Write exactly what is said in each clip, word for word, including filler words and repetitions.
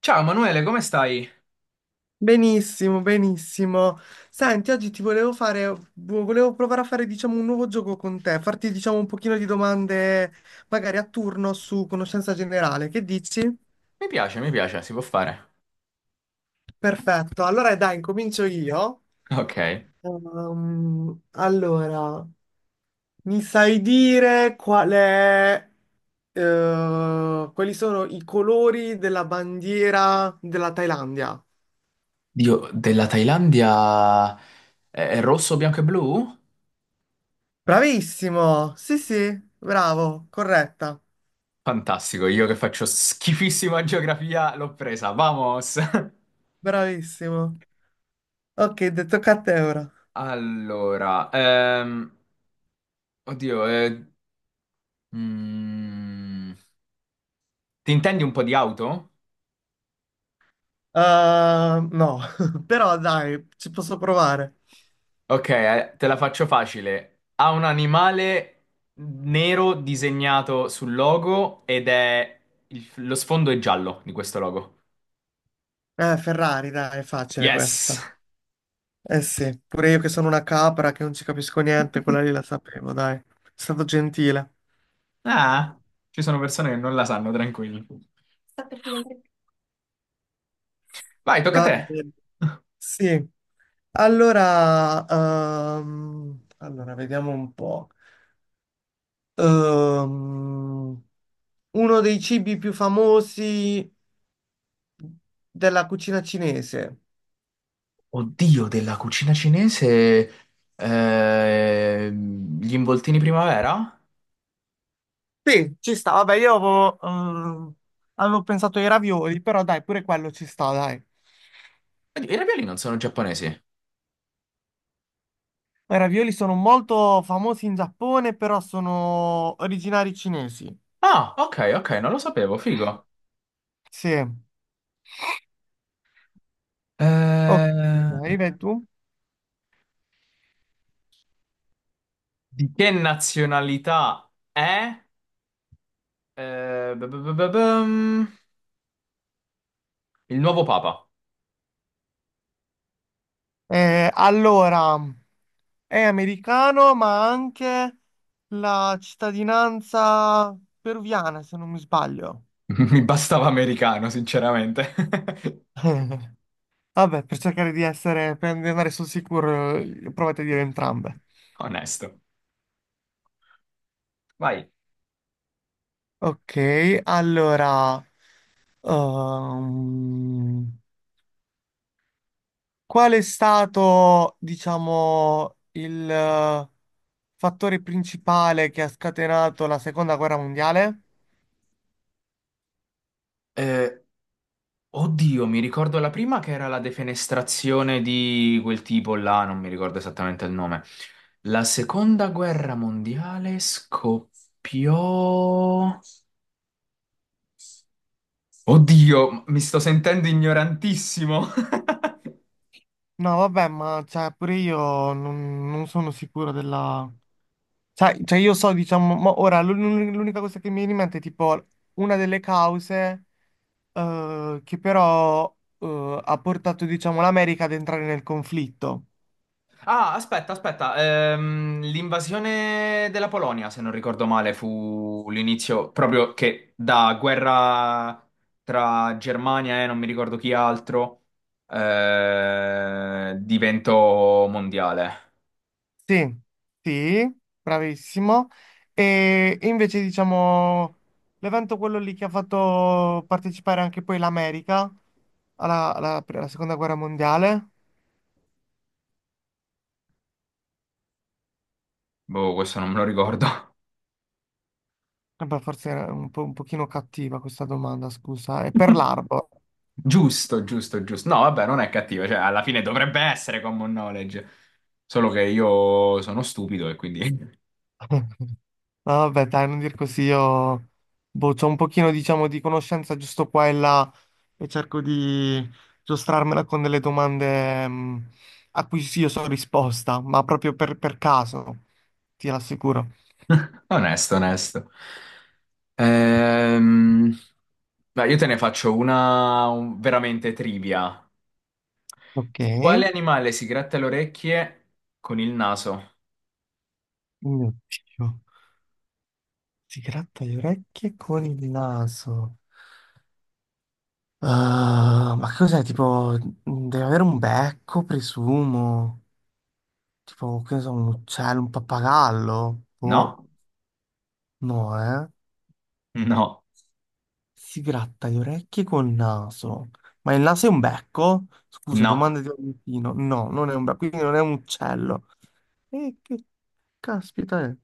Ciao Manuele, come stai? Benissimo, benissimo. Senti, oggi ti volevo fare, vo- volevo provare a fare, diciamo, un nuovo gioco con te, farti, diciamo, un pochino di domande, magari a turno su conoscenza generale. Che dici? Mi piace, mi piace, si può fare. Perfetto. Allora, dai, incomincio io. Ok. Ehm, allora, mi sai dire qual è, eh, quali sono i colori della bandiera della Thailandia? Dio, della Thailandia è è rosso, bianco e blu? Bravissimo! Sì, sì, bravo, corretta. Fantastico, io che faccio schifissima geografia l'ho presa, vamos! Bravissimo. Ok, detto tocca a te ora. Allora, ehm, oddio, eh, mm, ti intendi un po' di auto? Ehm, no, però dai, ci posso provare. Ok, eh, te la faccio facile. Ha un animale nero disegnato sul logo ed è il- lo sfondo è giallo di questo logo. Eh, Ferrari, dai, è facile Yes! questa. Eh sì, pure io che sono una capra che non ci capisco niente, quella lì la sapevo, dai. È stato gentile. Ah, ci sono persone che non la sanno, tranquilli. Vai, tocca a Va te. bene. Sì. Allora, ehm, allora, vediamo un po'. Ehm, Uno dei cibi più famosi della cucina cinese. Oddio, della cucina cinese, ehm, gli involtini primavera? Sì, ci sta. Vabbè, io avevo, ehm, avevo pensato ai ravioli, però dai, pure quello ci sta, dai. Oddio, I ravioli non sono giapponesi. I ravioli sono molto famosi in Giappone, però sono originari cinesi. Ah, ok, ok, non lo sapevo, figo. Sì. Ok, Eh, dai, vai tu. di che nazionalità è? Eh, b- b- b- bum, il nuovo papa. Eh, allora, è americano, ma ha anche la cittadinanza peruviana, se non mi sbaglio. Mi bastava americano, sinceramente. Vabbè, per cercare di essere, per andare sul sicuro, eh, provate a dire entrambe. Onesto. Ok, allora. Ehm, Qual è stato, diciamo, il eh, fattore principale che ha scatenato la seconda guerra mondiale? Vai. Oddio, mi ricordo la prima che era la defenestrazione di quel tipo là, non mi ricordo esattamente il nome. La seconda guerra mondiale scoppiò... Oddio, mi sto sentendo ignorantissimo. No, vabbè, ma cioè, pure io non, non sono sicuro della... Cioè, cioè, io so, diciamo, mo- ora l'un- l'unica cosa che mi viene in mente è tipo una delle cause eh, che però eh, ha portato, diciamo, l'America ad entrare nel conflitto. Ah, aspetta, aspetta. ehm, l'invasione della Polonia, se non ricordo male, fu l'inizio proprio che da guerra tra Germania e non mi ricordo chi altro eh, diventò mondiale. Sì, sì, bravissimo. E invece diciamo l'evento quello lì che ha fatto partecipare anche poi l'America alla, alla- alla seconda guerra mondiale. Boh, questo non me lo ricordo. Eh beh, forse era un po', un pochino cattiva questa domanda, scusa. È per l'Arbor. Giusto, giusto, giusto. No, vabbè, non è cattivo, cioè alla fine dovrebbe essere common knowledge, solo che io sono stupido e quindi Ah, vabbè, dai, non dir così, io boh, c'ho un pochino, diciamo, di conoscenza giusto qua e là e cerco di giostrarmela con delle domande mh, a cui sì, io so risposta, ma proprio per, per caso, ti rassicuro. onesto, onesto. Ehm, Dai, io te ne faccio una un- veramente trivia. Ok, Quale mio animale si gratta le orecchie con il naso? Dio, si gratta le orecchie con il naso. Ah, ma che cos'è? Tipo, deve avere un becco, presumo. Tipo, che ne so, un uccello, un pappagallo? Boh, No, no, eh? no, Si gratta le orecchie col naso. Ma il naso è un becco? Scusa, no. domanda di Valentino. No, non è un becco, quindi non è un uccello. E che caspita è?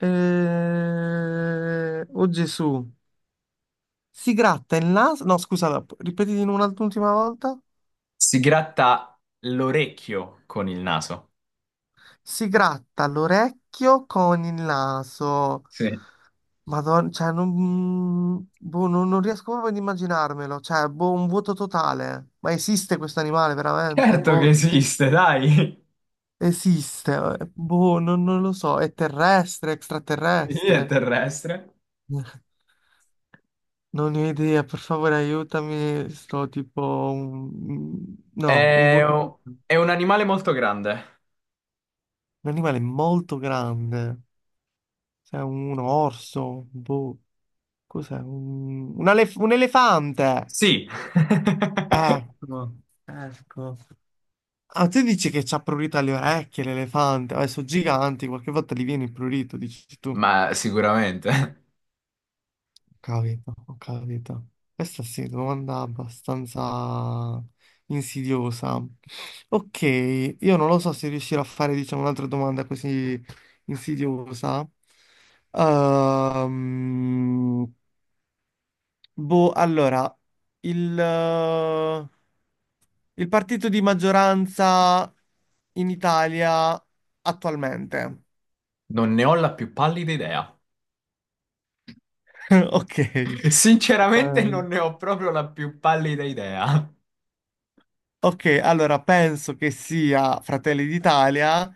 Eh, Oh Gesù. Si gratta il naso. No, scusa, la- ripeti di nuovo un'ultima volta. Si gratta l'orecchio con il naso. Si gratta l'orecchio con il naso. Sì. Madonna, cioè, non, boh, non, non riesco proprio ad immaginarmelo. Cioè, boh, un vuoto totale. Ma esiste questo animale veramente? Certo che Boh. esiste, dai. Esiste, eh, boh, non, non lo so, è terrestre, Sì, è extraterrestre? terrestre. Non ne ho idea, per favore aiutami, sto tipo un... mm, no, un È, voto... è un animale molto grande. Un animale molto grande, cioè un orso, boh, cos'è? Un, un elef- un elefante! Sì. Ecco, ecco. Ah, tu dici che c'ha prurito alle orecchie l'elefante, adesso sono giganti, qualche volta gli viene il prurito, dici tu. Ma sicuramente. Capito, ho capito. Questa sì, domanda abbastanza insidiosa. Ok, io non lo so se riuscirò a fare, diciamo, un'altra domanda così insidiosa. Ehm, boh, allora, il, eh, il partito di maggioranza in Italia attualmente. Non ne ho la più pallida idea. Ok. Sinceramente non Ehm, ne ho proprio la più pallida idea. Ok, allora penso che sia Fratelli d'Italia, eh,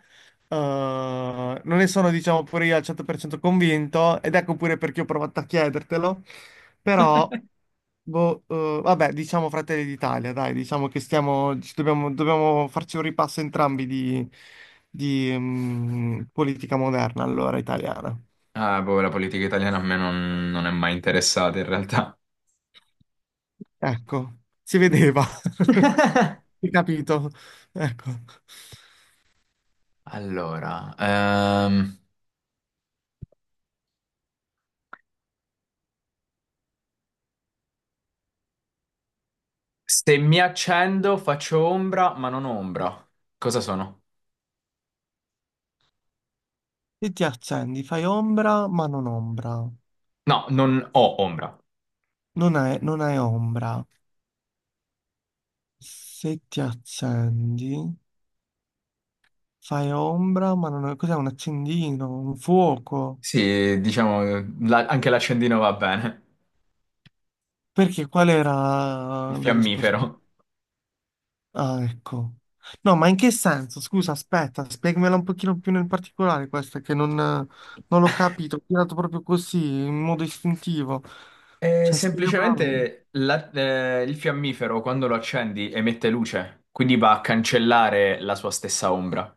non ne sono diciamo pure io al cento per cento convinto ed ecco pure perché ho provato a chiedertelo, però boh, eh, vabbè diciamo Fratelli d'Italia, dai diciamo che stiamo, ci dobbiamo, dobbiamo farci un ripasso entrambi di, di, mm, politica moderna allora italiana. Ah, boh, la politica italiana a me non, non è mai interessata in realtà. Ecco, si vedeva, hai capito? Ecco. Allora, ehm, se mi accendo faccio ombra, ma non ho ombra. Cosa sono? E ti accendi, fai ombra ma non ombra. No, non ho ombra. Non hai, non hai ombra. Se ti accendi, fai ombra, ma non è. Cos'è un accendino? Un fuoco? Sì, diciamo, la- anche l'accendino va bene. Perché qual Il era la risposta? fiammifero. Ah, ecco. No, ma in che senso? Scusa, aspetta, spiegamela un pochino più nel particolare questa, che non, non l'ho capito. Ho tirato proprio così, in modo istintivo. Eh, Cioè, spiegamela meglio. semplicemente la- eh, il fiammifero quando lo accendi emette luce, quindi va a cancellare la sua stessa ombra.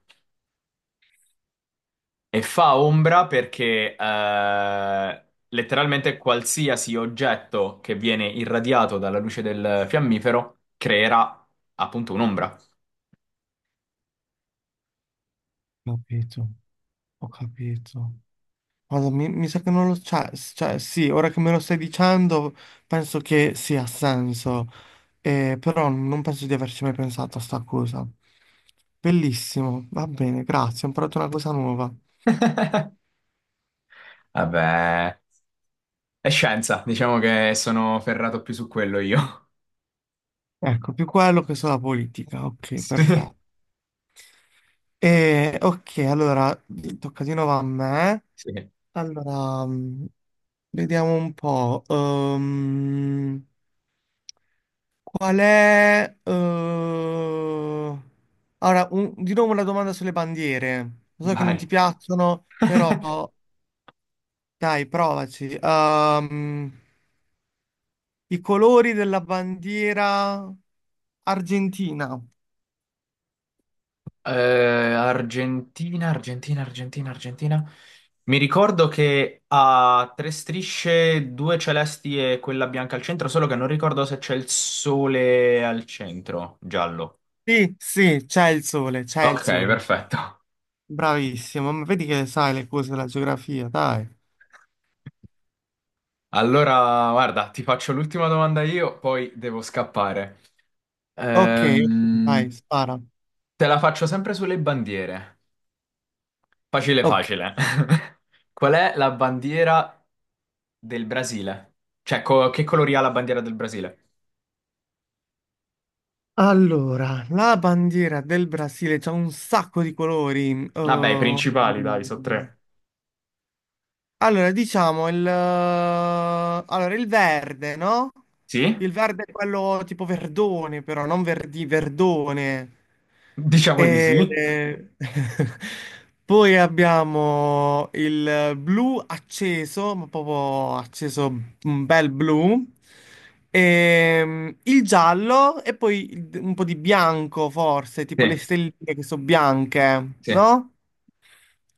E fa ombra perché eh, letteralmente qualsiasi oggetto che viene irradiato dalla luce del fiammifero creerà appunto un'ombra. Capito, ho capito. Guarda, mi, mi sa che non lo c'ha, cioè sì, ora che me lo stai dicendo penso che sì, ha senso, Eh, però non penso di averci mai pensato a sta cosa. Bellissimo, va bene, grazie, ho imparato una cosa nuova. Vabbè, è scienza, diciamo che sono ferrato più su quello io. Ecco, più quello che sulla politica, ok, Sì, perfetto. Eh, ok, allora, tocca di nuovo a me. sì, Allora, mm, vediamo un po'. ehm, Qual è... eh, Ora, un- di nuovo una domanda sulle bandiere. Lo so che non ti vai. piacciono, però dai, provaci. Ehm, I colori della bandiera argentina. Eh, Argentina, Argentina, Argentina, Argentina. Mi ricordo che ha tre strisce, due celesti e quella bianca al centro, solo che non ricordo se c'è il sole al centro, giallo. Sì, sì, c'è il sole, c'è il Ok, sole. perfetto. Bravissimo, ma vedi che sai le cose della geografia, dai. Allora, guarda, ti faccio l'ultima domanda io, poi devo scappare. Ok, ok, Ehm, vai, spara. te la faccio sempre sulle bandiere. Facile, Ok. facile. Qual è la bandiera del Brasile? Cioè, co- che colori ha la bandiera del Brasile? Allora, la bandiera del Brasile c'ha un sacco di colori. Vabbè, i principali, dai, so Ehm, tre. Allora, diciamo il, eh, allora, il verde, no? Sì? Il verde è quello tipo verdone, però non verdi, verdone. Diciamo di sì. E... Poi abbiamo il blu acceso, ma proprio acceso un bel blu. E, il giallo e poi il- un po' di bianco, forse, tipo le Sì, stelline che sono bianche, sì. no?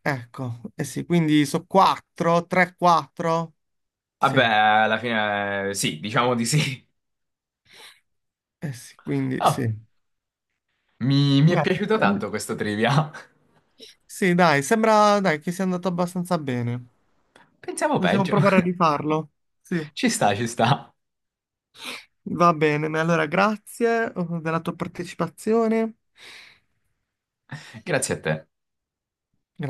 Ecco, eh sì, quindi sono quattro, tre, quattro. Vabbè, Sì, alla fine eh, sì, diciamo di sì. eh sì, quindi Ah, sì. Mi, mi è Beh, piaciuto tanto ehm, questo trivia. sì, dai, sembra dai, che sia andato abbastanza bene. Pensiamo Possiamo peggio. provare a rifarlo. Sì, Ci sta, ci sta. va bene. Allora, grazie eh, della tua partecipazione. Grazie a te. Grazie.